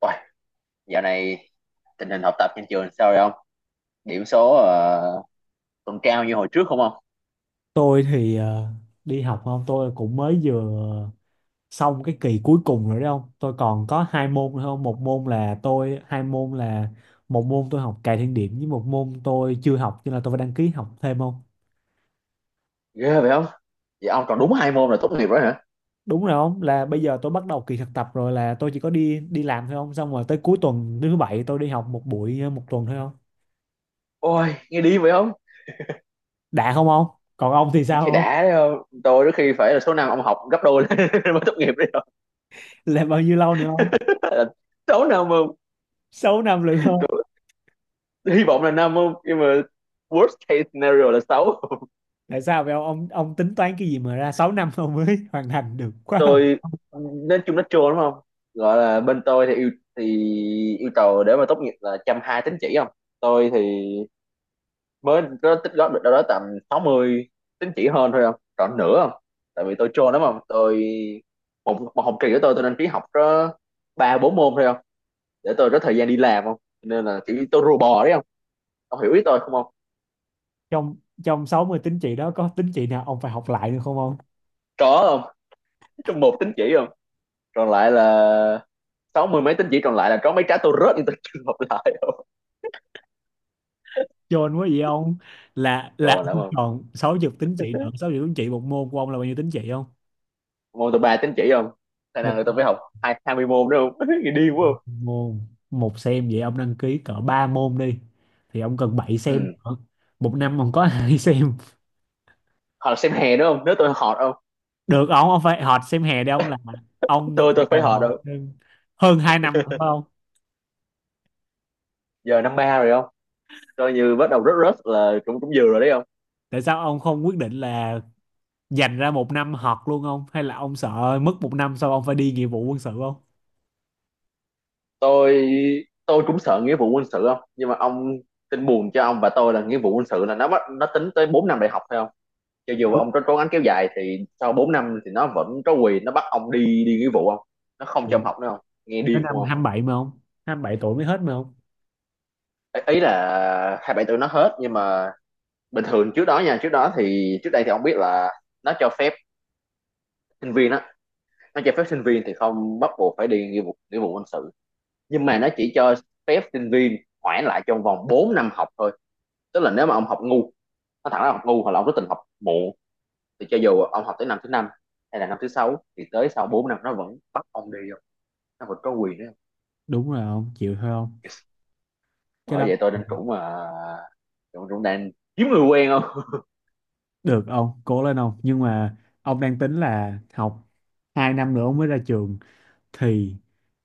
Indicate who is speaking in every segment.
Speaker 1: Uầy, dạo này tình hình học tập trên trường sao rồi ông? Điểm số còn cao như hồi trước không ông?
Speaker 2: Tôi thì đi học không. Tôi cũng mới vừa xong cái kỳ cuối cùng rồi đấy không. Tôi còn có hai môn nữa không. Một môn là tôi hai môn là Một môn tôi học cài thiên điểm với một môn tôi chưa học, cho nên là tôi phải đăng ký học thêm không.
Speaker 1: Ghê vậy không? Vậy ông còn đúng hai môn là tốt nghiệp rồi hả?
Speaker 2: Đúng rồi không, là bây giờ tôi bắt đầu kỳ thực tập rồi, là tôi chỉ có đi đi làm thôi không, xong rồi tới cuối tuần thứ bảy tôi đi học một buổi một tuần thôi không.
Speaker 1: Ôi, nghe đi vậy không?
Speaker 2: Đã không không. Còn ông thì sao
Speaker 1: Khi
Speaker 2: không?
Speaker 1: đã đấy không? Tôi đôi khi phải là số năm ông học gấp đôi mới tốt nghiệp đấy không?
Speaker 2: Là bao nhiêu lâu nữa không?
Speaker 1: số năm mà.
Speaker 2: Sáu năm nữa.
Speaker 1: Hy vọng là năm không? Nhưng mà worst case scenario là sáu.
Speaker 2: Tại sao vậy ông tính toán cái gì mà ra 6 năm ông mới hoàn thành được quá không?
Speaker 1: Tôi nên chung nó trôi đúng không? Gọi là bên tôi thì thì yêu cầu để mà tốt nghiệp là 120 tín chỉ không? Tôi thì mới có tích góp được đâu đó tầm 60 tín chỉ hơn thôi không, còn nữa không, tại vì tôi trôn lắm không, tôi một học kỳ của tôi đăng ký học có ba bốn môn thôi không, để tôi có thời gian đi làm không, nên là chỉ tôi rùa bò đấy không. Ông hiểu ý tôi không không
Speaker 2: Trong trong 60 tín chỉ đó có tín chỉ nào ông phải học lại được không ông?
Speaker 1: Có không, trong một tín chỉ không, còn lại là sáu mươi mấy tín chỉ còn lại là có mấy trái tôi rớt nhưng tôi chưa học lại không.
Speaker 2: Chôn quá vậy ông. Là
Speaker 1: Còn lắm
Speaker 2: ông
Speaker 1: không,
Speaker 2: còn 60 tín chỉ nữa. 60 tín chỉ, một môn của ông là bao nhiêu tín chỉ không?
Speaker 1: môn tôi ba tín chỉ không, khả
Speaker 2: Một
Speaker 1: năng là tôi phải học hai hai mươi môn nữa không, nghĩ điên quá không.
Speaker 2: môn, một xem vậy ông đăng ký cỡ 3 môn đi, thì ông cần 7 xem
Speaker 1: Ừ.
Speaker 2: nữa. Một năm ông có hai xem.
Speaker 1: Hoặc là xem hè nữa không nếu tôi họ không,
Speaker 2: Được ông phải học xem hè đi ông, là ông
Speaker 1: tôi
Speaker 2: chỉ
Speaker 1: tôi phải
Speaker 2: cần
Speaker 1: họ
Speaker 2: học
Speaker 1: đâu,
Speaker 2: thêm hơn 2 năm nữa phải không?
Speaker 1: giờ năm ba rồi không, coi như bắt đầu rớt rớt là cũng cũng vừa rồi đấy không.
Speaker 2: Tại sao ông không quyết định là dành ra một năm học luôn không, hay là ông sợ mất một năm sau ông phải đi nghĩa vụ quân sự không?
Speaker 1: Tôi tôi cũng sợ nghĩa vụ quân sự không, nhưng mà ông, tin buồn cho ông và tôi là nghĩa vụ quân sự là nó bắt nó tính tới 4 năm đại học phải không. Cho dù
Speaker 2: Đúng.
Speaker 1: ông có cố gắng kéo dài thì sau 4 năm thì nó vẫn có quyền nó bắt ông đi đi nghĩa vụ không. Nó không
Speaker 2: Ừ.
Speaker 1: cho ông học nữa không, nghe
Speaker 2: Tới
Speaker 1: điên không
Speaker 2: năm hai
Speaker 1: không
Speaker 2: mươi bảy mà không, 27 tuổi mới hết mà không.
Speaker 1: Ý là 27 tuổi nó hết nhưng mà bình thường trước đó nha trước đó thì trước đây thì ông biết là nó cho phép sinh viên á nó cho phép sinh viên thì không bắt buộc phải đi nghĩa vụ quân sự, nhưng mà nó chỉ cho phép sinh viên hoãn lại trong vòng 4 năm học thôi, tức là nếu mà ông học ngu, nó thẳng ra học ngu hoặc là ông có tình học muộn thì cho dù ông học tới năm thứ năm hay là năm thứ sáu thì tới sau 4 năm nó vẫn bắt ông đi không, nó vẫn có quyền đấy.
Speaker 2: Đúng rồi ông, chịu thôi không,
Speaker 1: Yes.
Speaker 2: cái
Speaker 1: Bởi
Speaker 2: đó.
Speaker 1: vậy tôi đang cũng mà cũng cũng đang kiếm người quen không.
Speaker 2: Được ông, cố lên ông. Nhưng mà ông đang tính là học 2 năm nữa ông mới ra trường thì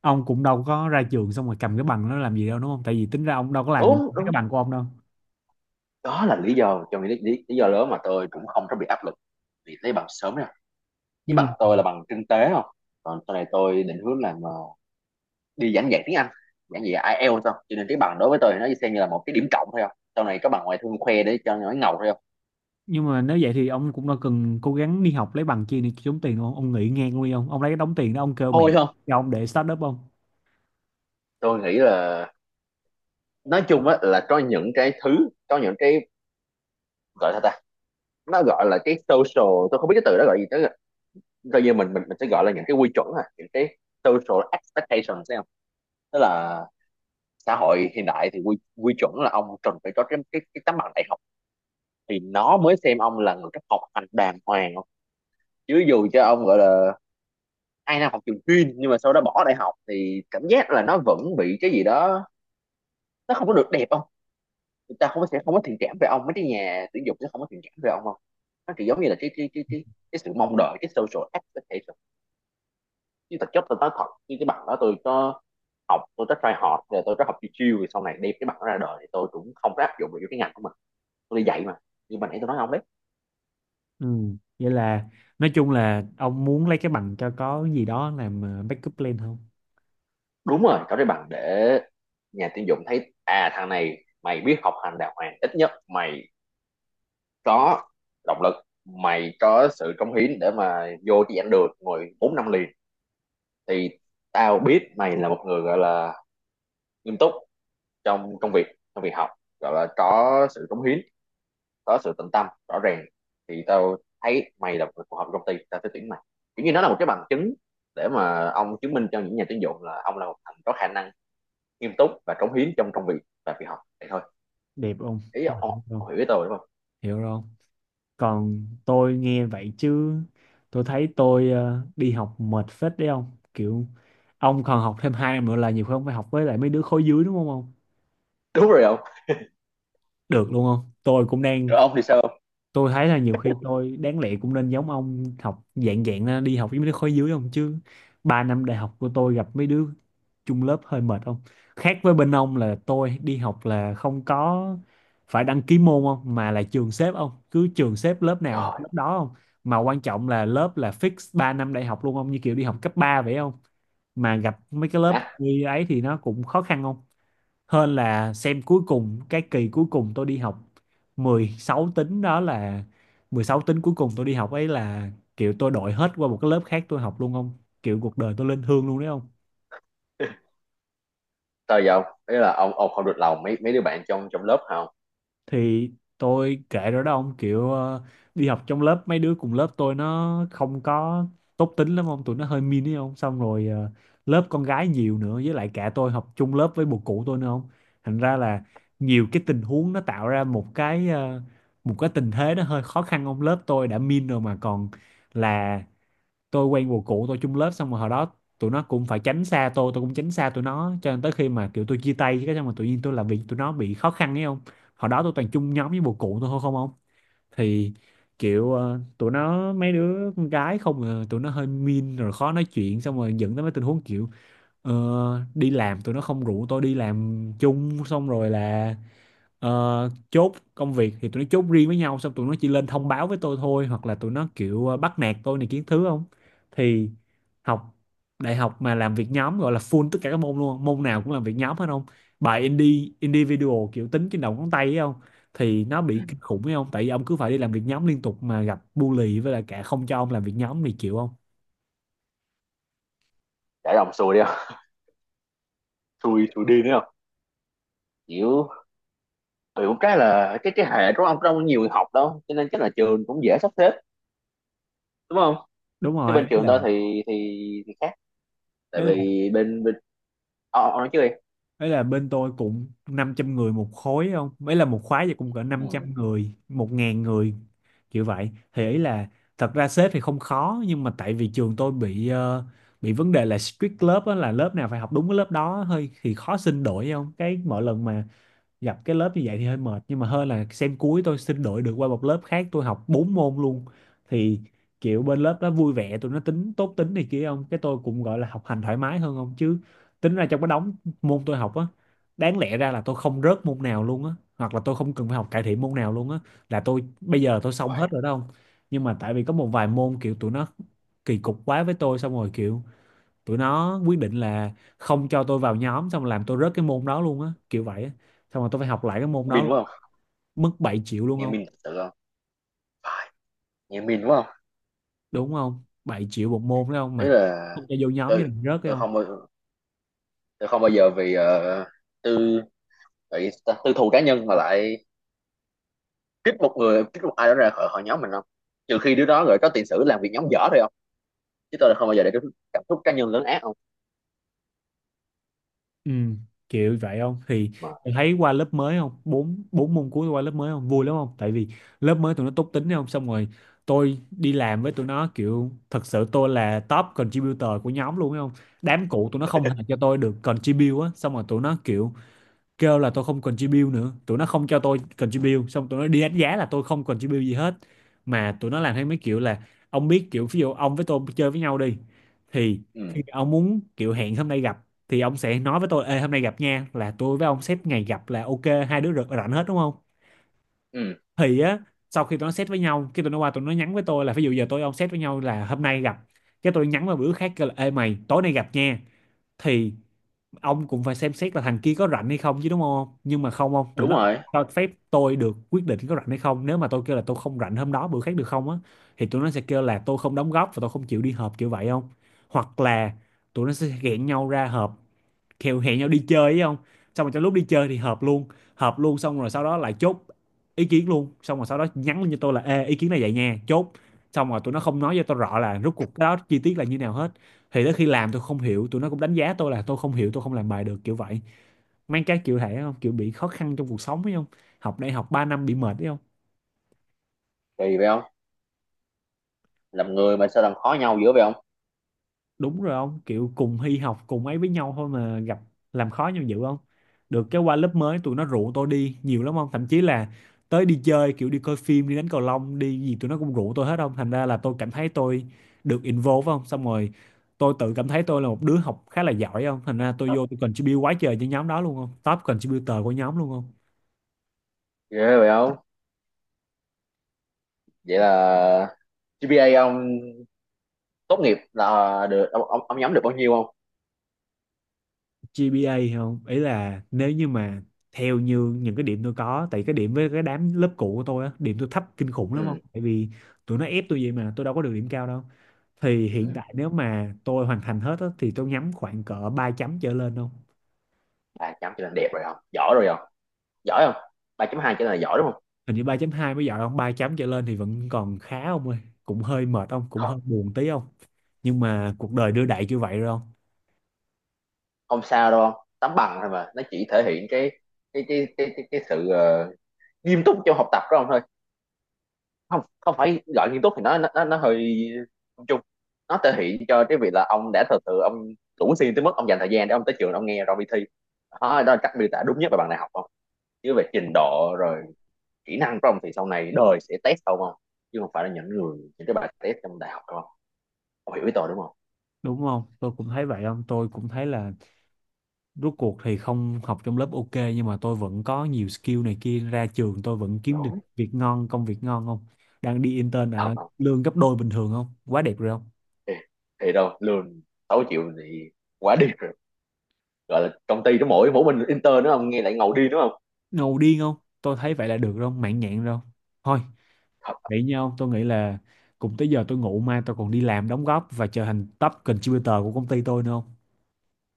Speaker 2: ông cũng đâu có ra trường xong rồi cầm cái bằng nó làm gì đâu, đúng không? Tại vì tính ra ông đâu có làm gì
Speaker 1: Đúng
Speaker 2: với cái
Speaker 1: đúng,
Speaker 2: bằng của ông đâu.
Speaker 1: đó là lý do trong lý do lớn mà tôi cũng không có bị áp lực vì lấy bằng sớm nè. Cái
Speaker 2: Nhưng mà
Speaker 1: bằng tôi là bằng kinh tế không, còn sau này tôi định hướng làm đi giảng dạy tiếng Anh, giảng dạy IELTS thôi, cho nên cái bằng đối với tôi thì nó xem như là một cái điểm cộng thôi không, sau này có bằng ngoại thương khoe để cho nó ngầu thôi không.
Speaker 2: nhưng mà nếu vậy thì ông cũng đâu cần cố gắng đi học lấy bằng chi để kiếm tiền ông. Ông nghỉ ngang luôn đi ông lấy cái đống tiền đó ông kêu mẹ
Speaker 1: Thôi không.
Speaker 2: cho ông để start up không.
Speaker 1: Tôi nghĩ là nói chung á là có những cái gọi là ta nó gọi là cái social, tôi không biết cái từ đó gọi gì tới, coi như mình mình sẽ gọi là những cái quy chuẩn à, những cái social expectation thấy không. Tức là xã hội hiện đại thì quy quy chuẩn là ông cần phải có cái tấm bằng đại học thì nó mới xem ông là người cấp học hành đàng hoàng không. Chứ dù cho ông gọi là 2 năm học trường chuyên nhưng mà sau đó bỏ đại học thì cảm giác là nó vẫn bị cái gì đó, nó không có được đẹp không, người ta không có, sẽ không có thiện cảm về ông, mấy cái nhà tuyển dụng sẽ không có thiện cảm về ông không. Nó kiểu giống như là cái sự mong đợi, cái social expectation. Chứ thực chất tôi nói thật, như cái bằng đó tôi có học, tôi có try hard rồi, tôi có học chiêu chiêu rồi, sau này đem cái bằng đó ra đời thì tôi cũng không có áp dụng được cái ngành của mình, tôi đi dạy mà. Nhưng mà nãy tôi nói ông đấy,
Speaker 2: Ừ. Vậy là nói chung là ông muốn lấy cái bằng cho có gì đó làm backup plan không?
Speaker 1: đúng rồi, có cái bằng để nhà tuyển dụng thấy à thằng này mày biết học hành đàng hoàng, ít nhất mày có động lực, mày có sự cống hiến để mà vô chi ảnh được ngồi 4 năm liền thì tao biết mày là một người gọi là nghiêm túc trong công việc, trong việc học, gọi là có sự cống hiến, có sự tận tâm rõ ràng thì tao thấy mày là một người phù hợp với công ty, tao sẽ tuyển mày. Kiểu như nó là một cái bằng chứng để mà ông chứng minh cho những nhà tuyển dụng là ông là một thằng có khả năng nghiêm túc và cống hiến trong công việc và việc học vậy thôi.
Speaker 2: Đẹp không?
Speaker 1: ý
Speaker 2: Tôi
Speaker 1: ông,
Speaker 2: hiểu không?
Speaker 1: ông hiểu ý tôi đúng không?
Speaker 2: Hiểu rồi không? Còn tôi nghe vậy chứ tôi thấy tôi đi học mệt phết đấy ông. Kiểu ông còn học thêm hai năm nữa là nhiều khi ông phải học với lại mấy đứa khối dưới đúng không ông?
Speaker 1: Đúng rồi ông.
Speaker 2: Được luôn không? Tôi cũng đang.
Speaker 1: Rồi ông thì sao không?
Speaker 2: Tôi thấy là nhiều khi tôi đáng lẽ cũng nên giống ông học dạng dạng ra, đi học với mấy đứa khối dưới không, chứ 3 năm đại học của tôi gặp mấy đứa chung lớp hơi mệt không. Khác với bên ông là tôi đi học là không có phải đăng ký môn không, mà là trường xếp không, cứ trường xếp lớp nào là học
Speaker 1: Trời
Speaker 2: lớp đó không. Mà quan trọng là lớp là fix 3 năm đại học luôn không, như kiểu đi học cấp 3 vậy không. Mà gặp mấy cái lớp
Speaker 1: má,
Speaker 2: như ấy thì nó cũng khó khăn không, hơn là xem cuối cùng cái kỳ cuối cùng tôi đi học 16 tính đó, là 16 tính cuối cùng tôi đi học ấy, là kiểu tôi đổi hết qua một cái lớp khác tôi học luôn không. Kiểu cuộc đời tôi lên hương luôn đấy không.
Speaker 1: sao vậy ông, đấy là ông không được lòng mấy mấy đứa bạn trong trong lớp hả ông?
Speaker 2: Thì tôi kể rồi đó ông, kiểu đi học trong lớp mấy đứa cùng lớp tôi nó không có tốt tính lắm ông, tụi nó hơi mean ấy không. Xong rồi lớp con gái nhiều nữa, với lại cả tôi học chung lớp với bồ cũ tôi nữa không. Thành ra là nhiều cái tình huống nó tạo ra một cái một cái tình thế nó hơi khó khăn ông. Lớp tôi đã mean rồi mà còn là tôi quen một cụ tôi chung lớp, xong rồi hồi đó tụi nó cũng phải tránh xa tôi cũng tránh xa tụi nó, cho nên tới khi mà kiểu tôi chia tay cái xong mà tự nhiên tôi làm việc tụi nó bị khó khăn ấy không. Hồi đó tôi toàn chung nhóm với một cụ tôi thôi không không. Thì kiểu tụi nó mấy đứa con gái không à, tụi nó hơi mean rồi khó nói chuyện, xong rồi dẫn tới mấy tình huống kiểu ờ, đi làm tụi nó không rủ tôi đi làm chung, xong rồi là Ờ, chốt công việc thì tụi nó chốt riêng với nhau, xong tụi nó chỉ lên thông báo với tôi thôi, hoặc là tụi nó kiểu bắt nạt tôi này kiến thứ không. Thì học đại học mà làm việc nhóm gọi là full tất cả các môn luôn, môn nào cũng làm việc nhóm hết không. Bài indie individual kiểu tính trên đầu ngón tay ấy không. Thì nó
Speaker 1: Ừ.
Speaker 2: bị kinh khủng ấy không, tại vì ông cứ phải đi làm việc nhóm liên tục mà gặp bully với lại cả không cho ông làm việc nhóm thì chịu không.
Speaker 1: Để ông xui đi không, xui xui đi nữa không, kiểu kiểu cái là cái hệ của ông đâu có nhiều người học đâu, cho nên chắc là trường cũng dễ sắp xếp đúng không.
Speaker 2: Đúng
Speaker 1: Chứ
Speaker 2: rồi
Speaker 1: bên trường tôi thì khác, tại
Speaker 2: ấy là
Speaker 1: vì bên bên ông nói trước đi.
Speaker 2: ấy là bên tôi cũng 500 người một khối không, ấy là một khóa vậy cũng cỡ năm
Speaker 1: Ừ.
Speaker 2: trăm người 1.000 người kiểu vậy. Thì ý là thật ra xếp thì không khó, nhưng mà tại vì trường tôi bị bị vấn đề là strict lớp á, là lớp nào phải học đúng cái lớp đó, hơi thì khó xin đổi không. Cái mỗi lần mà gặp cái lớp như vậy thì hơi mệt, nhưng mà hơn là xem cuối tôi xin đổi được qua một lớp khác tôi học 4 môn luôn. Thì kiểu bên lớp đó vui vẻ, tụi nó tính tốt tính này kia không, cái tôi cũng gọi là học hành thoải mái hơn không. Chứ tính ra trong cái đống môn tôi học á, đáng lẽ ra là tôi không rớt môn nào luôn á, hoặc là tôi không cần phải học cải thiện môn nào luôn á, là tôi bây giờ tôi xong
Speaker 1: Uầy,
Speaker 2: hết rồi đó không. Nhưng mà tại vì có một vài môn kiểu tụi nó kỳ cục quá với tôi, xong rồi kiểu tụi nó quyết định là không cho tôi vào nhóm, xong làm tôi rớt cái môn đó luôn á kiểu vậy á, xong rồi tôi phải học lại cái môn đó
Speaker 1: min
Speaker 2: luôn.
Speaker 1: quá không,
Speaker 2: Mất 7 triệu luôn
Speaker 1: nghe
Speaker 2: không.
Speaker 1: min thật sự không, phải, nghe min quá không,
Speaker 2: Đúng không, 7 triệu một môn đấy không,
Speaker 1: đấy
Speaker 2: mà
Speaker 1: là
Speaker 2: không cho vô nhóm với
Speaker 1: tôi
Speaker 2: lại rớt đấy
Speaker 1: tôi
Speaker 2: không.
Speaker 1: không bao tôi không bao giờ vì tư tại vì tư thù cá nhân mà lại kích một ai đó ra khỏi khỏi nhóm mình không, trừ khi đứa đó rồi có tiền sử làm việc nhóm dở thôi không. Chứ tôi là không bao giờ để cảm xúc cá nhân lớn ác không.
Speaker 2: Ừ, kiểu vậy không. Thì
Speaker 1: Mà
Speaker 2: em thấy qua lớp mới không, bốn bốn môn cuối qua lớp mới không vui lắm không, tại vì lớp mới tụi nó tốt tính đấy không. Xong rồi tôi đi làm với tụi nó kiểu thật sự tôi là top contributor của nhóm luôn đấy không. Đám cũ tụi nó không hề cho tôi được contribute á, xong rồi tụi nó kiểu kêu là tôi không contribute nữa, tụi nó không cho tôi contribute xong tụi nó đi đánh giá là tôi không contribute gì hết. Mà tụi nó làm theo mấy kiểu là ông biết kiểu ví dụ ông với tôi chơi với nhau đi, thì
Speaker 1: ừ
Speaker 2: khi ông muốn kiểu hẹn hôm nay gặp thì ông sẽ nói với tôi: Ê, hôm nay gặp nha, là tôi với ông xếp ngày gặp là ok, hai đứa rảnh rảnh hết đúng không.
Speaker 1: ừ,
Speaker 2: Thì á, sau khi tụi nó set với nhau cái tụi nó qua tụi nó nhắn với tôi là, ví dụ giờ tôi với ông set với nhau là hôm nay gặp, cái tôi nhắn vào bữa khác kêu là ê mày tối nay gặp nha, thì ông cũng phải xem xét là thằng kia có rảnh hay không chứ đúng không. Nhưng mà không không tụi
Speaker 1: đúng
Speaker 2: nó không
Speaker 1: rồi,
Speaker 2: cho phép tôi được quyết định có rảnh hay không. Nếu mà tôi kêu là tôi không rảnh hôm đó, bữa khác được không á, thì tụi nó sẽ kêu là tôi không đóng góp và tôi không chịu đi họp kiểu vậy không. Hoặc là tụi nó sẽ ghẹn nhau ra họp, kèo hẹn nhau đi chơi ấy không, xong rồi trong lúc đi chơi thì hợp luôn, hợp luôn xong rồi sau đó lại chốt ý kiến luôn, xong rồi sau đó nhắn lên cho tôi là: Ê, ý kiến này vậy nha, chốt. Xong rồi tụi nó không nói cho tôi rõ là rốt cuộc cái đó chi tiết là như nào hết, thì tới khi làm tôi không hiểu tụi nó cũng đánh giá tôi là tôi không hiểu, tôi không làm bài được kiểu vậy. Mang cái kiểu thể không kiểu bị khó khăn trong cuộc sống ấy không, học đại học 3 năm bị mệt ấy không.
Speaker 1: kỳ vậy không, làm người mà sao làm khó nhau dữ vậy không,
Speaker 2: Đúng rồi ông, kiểu cùng hy học cùng ấy với nhau thôi mà gặp làm khó nhau dữ không. Được cái qua lớp mới tụi nó rủ tôi đi nhiều lắm không, thậm chí là tới đi chơi kiểu đi coi phim đi đánh cầu lông đi gì tụi nó cũng rủ tôi hết không. Thành ra là tôi cảm thấy tôi được involve không. Xong rồi tôi tự cảm thấy tôi là một đứa học khá là giỏi, không thành ra tôi vô tôi contribute quá trời cho nhóm đó luôn không, top contributor của nhóm luôn không.
Speaker 1: ghê vậy không. Vậy là GPA ông tốt nghiệp là được ông nhóm được bao nhiêu không?
Speaker 2: GPA không, ý là nếu như mà theo như những cái điểm tôi có, tại cái điểm với cái đám lớp cũ của tôi á, điểm tôi thấp kinh khủng lắm không,
Speaker 1: Ừ
Speaker 2: tại vì tụi nó ép tôi vậy mà tôi đâu có được điểm cao đâu. Thì
Speaker 1: ừ,
Speaker 2: hiện tại nếu mà tôi hoàn thành hết á, thì tôi nhắm khoảng cỡ 3,0 trở lên không.
Speaker 1: ba chấm chỉ là đẹp rồi không, giỏi rồi không. Giỏi không, 3,2 chỉ là giỏi đúng không?
Speaker 2: Hình như 3,2 mới giỏi không, 3 chấm trở lên thì vẫn còn khá không ơi. Cũng hơi mệt không, cũng
Speaker 1: Không,
Speaker 2: hơi buồn tí không, nhưng mà cuộc đời đưa đẩy như vậy rồi không.
Speaker 1: không sao đâu không, tấm bằng thôi mà nó chỉ thể hiện cái sự nghiêm túc trong học tập đó không thôi, không không phải gọi nghiêm túc thì nó hơi chung chung, nó thể hiện cho cái việc là ông đã thật sự ông đủ xuyên tới mức ông dành thời gian để ông tới trường ông nghe rồi đi thi. Đó, đó là cách miêu tả đúng nhất về bạn đại học không. Chứ về trình độ rồi kỹ năng của ông thì sau này đời sẽ test ông không, chứ không phải là những người, những cái bài test trong đại học không. Ông hiểu ý tôi đúng không?
Speaker 2: Đúng không, tôi cũng thấy vậy không. Tôi cũng thấy là rốt cuộc thì không học trong lớp ok, nhưng mà tôi vẫn có nhiều skill này kia, ra trường tôi vẫn kiếm được
Speaker 1: Đúng.
Speaker 2: việc ngon, công việc ngon không. Đang đi intern
Speaker 1: Thật
Speaker 2: ở
Speaker 1: không?
Speaker 2: lương gấp đôi bình thường không, quá đẹp rồi không.
Speaker 1: Thì, thì đâu, lương 6 triệu thì quá đi, gọi là công ty nó mỗi mỗi mình intern nữa ông nghe lại ngầu đi đúng không.
Speaker 2: Ngầu điên không, tôi thấy vậy là được rồi không, mãn nhãn rồi không. Thôi
Speaker 1: Thật.
Speaker 2: vậy nha ông, tôi nghĩ là cùng tới giờ tôi ngủ, mai tôi còn đi làm đóng góp và trở thành top contributor của công ty tôi nữa không.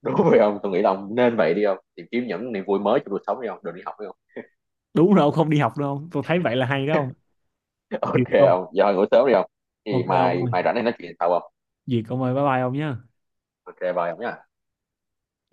Speaker 1: Đúng rồi ông, tôi nghĩ là ông nên vậy đi ông, tìm kiếm những niềm vui mới trong cuộc sống đi ông, đừng đi học đi ông.
Speaker 2: Đúng rồi ông, không đi học đâu không, tôi thấy vậy là hay đó không. Duyệt
Speaker 1: Ok
Speaker 2: không,
Speaker 1: ông, giờ ngủ sớm đi ông thì
Speaker 2: ok ông
Speaker 1: mai
Speaker 2: ơi,
Speaker 1: mai rảnh này nói chuyện sau ông.
Speaker 2: duyệt ông ơi, bye bye ông nhé.
Speaker 1: Ok bye ông nhé.